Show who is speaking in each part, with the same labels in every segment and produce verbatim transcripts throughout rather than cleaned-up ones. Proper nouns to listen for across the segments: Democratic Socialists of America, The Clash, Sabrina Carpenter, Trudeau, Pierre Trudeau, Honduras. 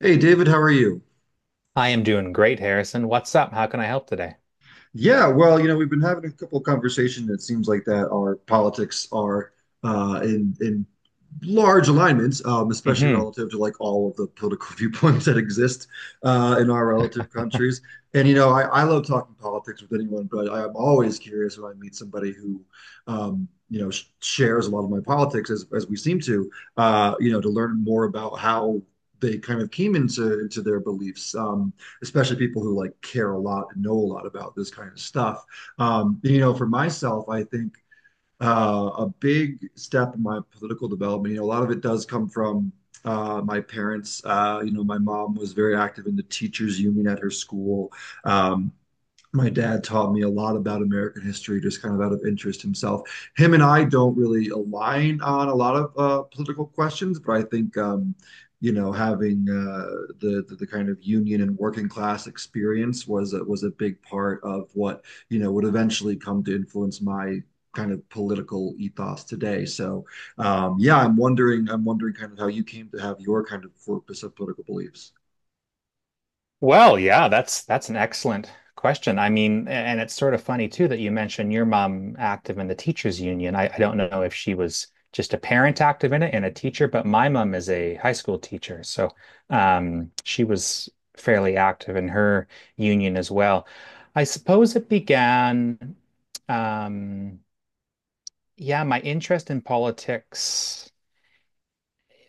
Speaker 1: Hey David, how are you?
Speaker 2: I am doing great, Harrison. What's up? How can I help today?
Speaker 1: Yeah, well, you know, we've been having a couple of conversations that seems like that our politics are uh, in in large alignments, um, especially
Speaker 2: Hmm.
Speaker 1: relative to like all of the political viewpoints that exist uh, in our relative countries. And you know, I, I love talking politics with anyone, but I am always curious when I meet somebody who, um, you know, sh shares a lot of my politics as as we seem to, uh, you know, to learn more about how they kind of came into into their beliefs. Um, especially people who like care a lot and know a lot about this kind of stuff. Um, you know, for myself, I think uh, a big step in my political development, you know, a lot of it does come from uh, my parents. Uh, you know, my mom was very active in the teachers union at her school. Um, my dad taught me a lot about American history, just kind of out of interest himself. Him and I don't really align on a lot of uh, political questions, but I think um, you know having uh, the, the the kind of union and working class experience was a, was a big part of what you know would eventually come to influence my kind of political ethos today. So um, yeah, I'm wondering I'm wondering kind of how you came to have your kind of corpus of political beliefs.
Speaker 2: Well, yeah, that's that's an excellent question. I mean, and it's sort of funny too that you mentioned your mom active in the teachers union. I, I don't know if she was just a parent active in it and a teacher, but my mom is a high school teacher, so um, she was fairly active in her union as well. I suppose it began, um, yeah, my interest in politics.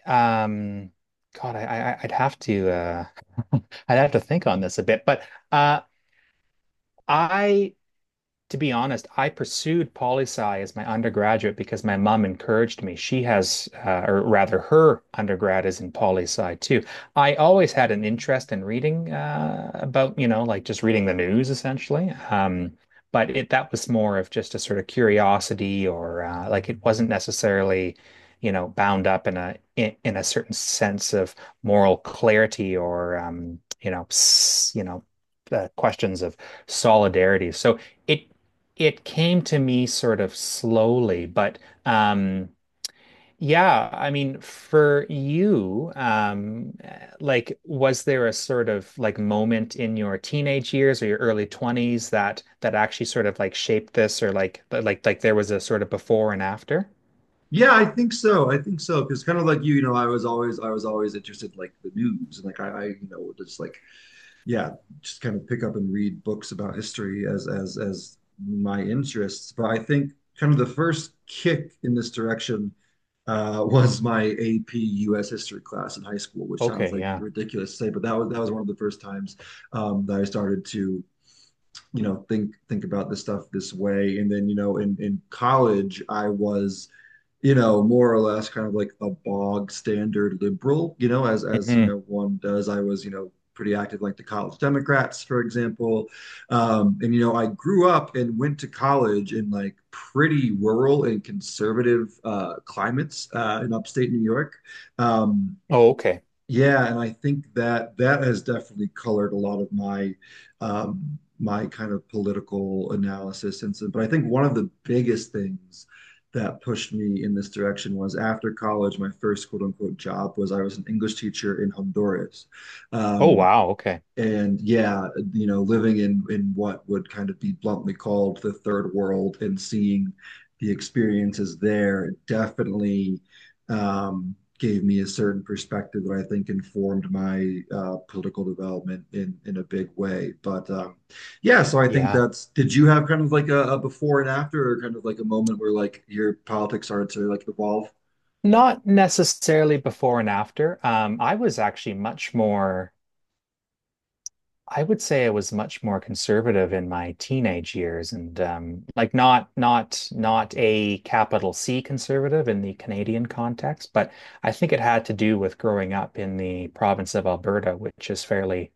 Speaker 2: Um, God, I, I I'd have to uh I'd have to think on this a bit, but uh I to be honest, I pursued poli sci as my undergraduate because my mom encouraged me. She has, uh, or rather, her undergrad is in poli sci too. I always had an interest in reading uh, about, you know, like just reading the news essentially. Um, but it that was more of just a sort of curiosity, or uh, like it wasn't necessarily, you know, bound up in a in, in a certain sense of moral clarity or um, you know, you know, uh, questions of solidarity. So it it came to me sort of slowly, but um yeah, I mean for you, um like was there a sort of like moment in your teenage years or your early twenties that that actually sort of like shaped this or like like like there was a sort of before and after?
Speaker 1: Yeah, I think so. I think so. Because kind of like you, you know, I was always I was always interested in, like the news and like I, I you know just like yeah, just kind of pick up and read books about history as as as my interests. But I think kind of the first kick in this direction uh, was my A P U S history class in high school, which sounds
Speaker 2: Okay,
Speaker 1: like
Speaker 2: yeah.
Speaker 1: ridiculous to say, but that was that was one of the first times um, that I started to you know think think about this stuff this way. And then you know in in college I was you know, more or less kind of like a bog standard liberal, you know, as as you
Speaker 2: Hmm.
Speaker 1: know one does. I was, you know, pretty active like the College Democrats, for example. Um, and you know, I grew up and went to college in like pretty rural and conservative uh, climates uh, in upstate New York. Um,
Speaker 2: Oh, okay.
Speaker 1: yeah, and I think that that has definitely colored a lot of my um, my kind of political analysis. And so, but I think one of the biggest things that pushed me in this direction was after college, my first quote unquote job was I was an English teacher in Honduras.
Speaker 2: Oh,
Speaker 1: Um,
Speaker 2: wow. Okay.
Speaker 1: and yeah, you know, living in in what would kind of be bluntly called the third world and seeing the experiences there definitely um, gave me a certain perspective that I think informed my uh, political development in in a big way. But um, yeah, so I think
Speaker 2: Yeah.
Speaker 1: that's. Did you have kind of like a, a before and after, or kind of like a moment where like your politics started to like evolve?
Speaker 2: Not necessarily before and after. Um, I was actually much more I would say I was much more conservative in my teenage years and um, like not not not a capital C conservative in the Canadian context, but I think it had to do with growing up in the province of Alberta, which is fairly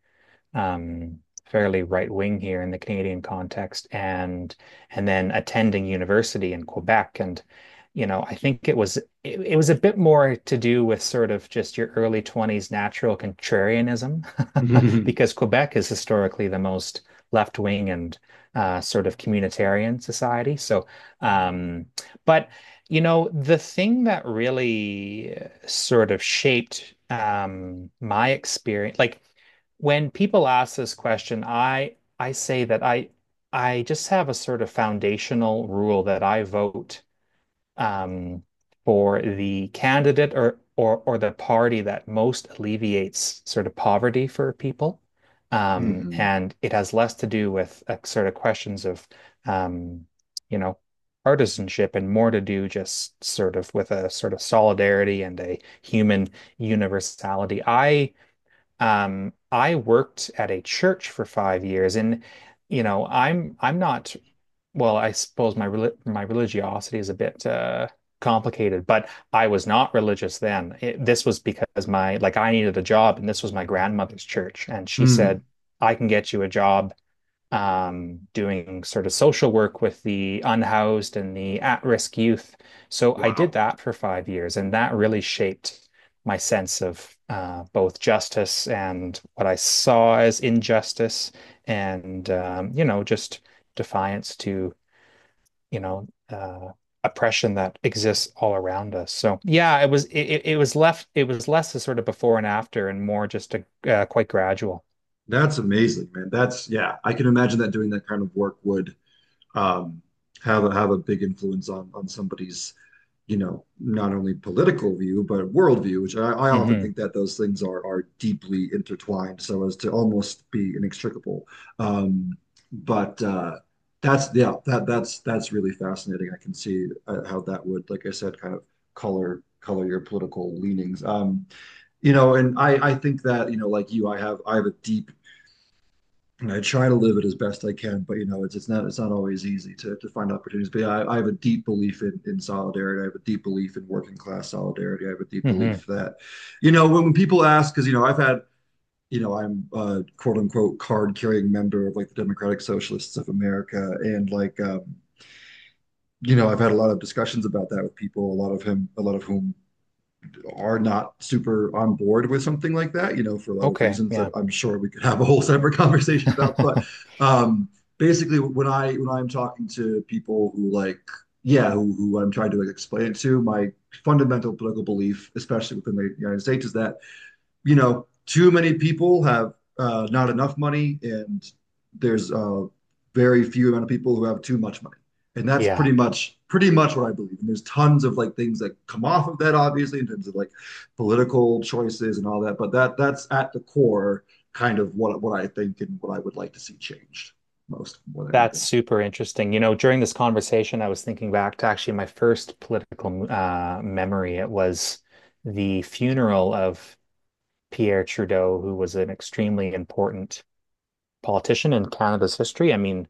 Speaker 2: um, fairly right wing here in the Canadian context, and and then attending university in Quebec, and you know, I think it was it, it was a bit more to do with sort of just your early twenties natural contrarianism,
Speaker 1: Mhm.
Speaker 2: because Quebec is historically the most left wing and uh, sort of communitarian society. So, um, but you know, the thing that really uh, sort of shaped um, my experience, like when people ask this question, I I say that I I just have a sort of foundational rule that I vote um, for the candidate or or or the party that most alleviates sort of poverty for people, um,
Speaker 1: Mhm.
Speaker 2: and it has less to do with uh, sort of questions of um, you know partisanship and more to do just sort of with a sort of solidarity and a human universality. I um, I worked at a church for five years, and you know, I'm I'm not. Well, I suppose my reli my religiosity is a bit uh, complicated, but I was not religious then. It, this was because my like I needed a job, and this was my grandmother's church, and she
Speaker 1: Mm.
Speaker 2: said, "I can get you a job um, doing sort of social work with the unhoused and the at-risk youth." So I did
Speaker 1: Wow.
Speaker 2: that for five years, and that really shaped my sense of uh, both justice and what I saw as injustice, and um, you know, just defiance to you know uh, oppression that exists all around us. So yeah, it was it, it was left it was less a sort of before and after, and more just a uh, quite gradual.
Speaker 1: That's amazing, man. That's yeah, I can imagine that doing that kind of work would um, have a, have a big influence on on somebody's, you know, not only political view but worldview, which I, I often
Speaker 2: Hmm.
Speaker 1: think that those things are are deeply intertwined, so as to almost be inextricable. Um, but uh, that's yeah, that that's that's really fascinating. I can see uh, how that would, like I said, kind of color color your political leanings. Um, you know, and I I think that you know, like you, I have I have a deep and I try to live it as best I can, but you know, it's it's not it's not always easy to to find opportunities. But yeah, I, I have a deep belief in in solidarity. I have a deep belief in working class solidarity. I have a deep
Speaker 2: Hmm.
Speaker 1: belief that, you know, when, when people ask, because you know, I've had you know, I'm a quote unquote card carrying member of like the Democratic Socialists of America, and like um, you know, I've had a lot of discussions about that with people, a lot of him, a lot of whom are not super on board with something like that, you know, for a lot of
Speaker 2: Okay,
Speaker 1: reasons that
Speaker 2: yeah.
Speaker 1: I'm sure we could have a whole separate conversation about. But um, basically, when I when I'm talking to people who like, yeah, who, who I'm trying to like, explain it to, my fundamental political belief, especially within the United States, is that you know, too many people have uh, not enough money, and there's a very few amount of people who have too much money. And that's
Speaker 2: Yeah,
Speaker 1: pretty much pretty much what I believe. And there's tons of like things that come off of that, obviously, in terms of like political choices and all that. But that that's at the core kind of what what I think and what I would like to see changed most more than
Speaker 2: that's
Speaker 1: anything.
Speaker 2: super interesting. You know, during this conversation, I was thinking back to actually my first political uh, memory. It was the funeral of Pierre Trudeau, who was an extremely important politician in Canada's history. I mean,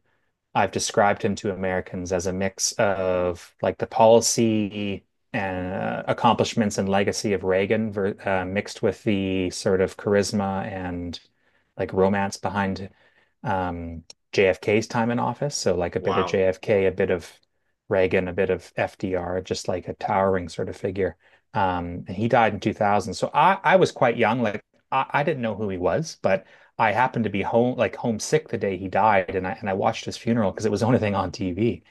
Speaker 2: I've described him to Americans as a mix of like the policy and uh, accomplishments and legacy of Reagan ver uh, mixed with the sort of charisma and like romance behind um, J F K's time in office. So like a bit of
Speaker 1: Wow.
Speaker 2: J F K, a bit of Reagan, a bit of F D R, just like a towering sort of figure. Um, and he died in two thousand. So I, I was quite young. Like I, I didn't know who he was, but I happened to be home, like homesick the day he died, and I and I watched his funeral because it was the only thing on T V.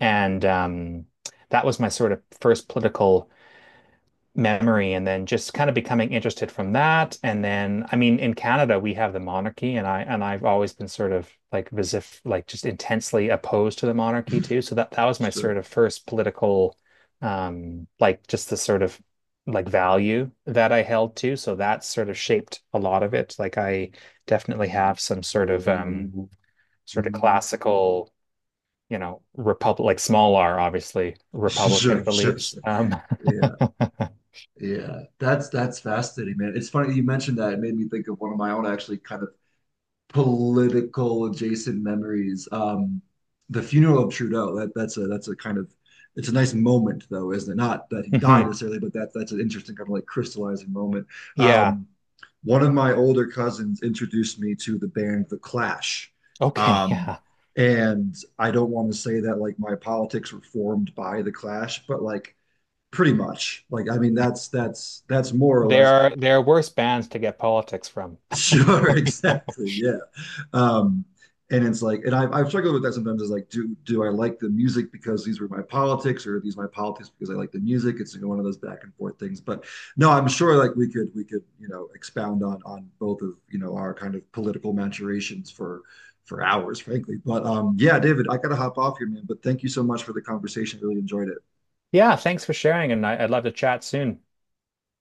Speaker 2: And um, that was my sort of first political memory and then just kind of becoming interested from that. And then, I mean, in Canada, we have the monarchy and I and I've always been sort of like visif like just intensely opposed to the monarchy too. So that that was my
Speaker 1: Sure.
Speaker 2: sort of first political um like just the sort of like value that I held to. So that sort of shaped a lot of it. Like I definitely have some sort of um sort of classical you know, republic like small r, obviously, Republican
Speaker 1: Sure, sure,
Speaker 2: beliefs.
Speaker 1: sure.
Speaker 2: Um,
Speaker 1: Yeah, yeah. That's that's fascinating, man. It's funny you mentioned that. It made me think of one of my own actually kind of political adjacent memories. Um, the funeral of Trudeau. That that's a that's a kind of it's a nice moment though, isn't it? Not that he died
Speaker 2: mhm.
Speaker 1: necessarily, but that that's an interesting kind of like crystallizing moment.
Speaker 2: Yeah.
Speaker 1: Um, one of my older cousins introduced me to the band The Clash.
Speaker 2: Okay.
Speaker 1: Um,
Speaker 2: Yeah.
Speaker 1: and I don't want to say that like my politics were formed by The Clash, but like pretty much. Like I mean that's that's that's more or
Speaker 2: There
Speaker 1: less
Speaker 2: are there are worse bands to get politics from.
Speaker 1: sure, exactly. Yeah. Um, and it's like, and I've, I've struggled with that sometimes. Is like, do do I like the music because these were my politics, or are these my politics because I like the music? It's like one of those back and forth things. But no, I'm sure like we could we could you know expound on on both of you know our kind of political maturations for for hours, frankly. But um, yeah, David, I gotta hop off here, man. But thank you so much for the conversation. Really enjoyed it.
Speaker 2: Yeah, thanks for sharing, and I, I'd love to chat soon.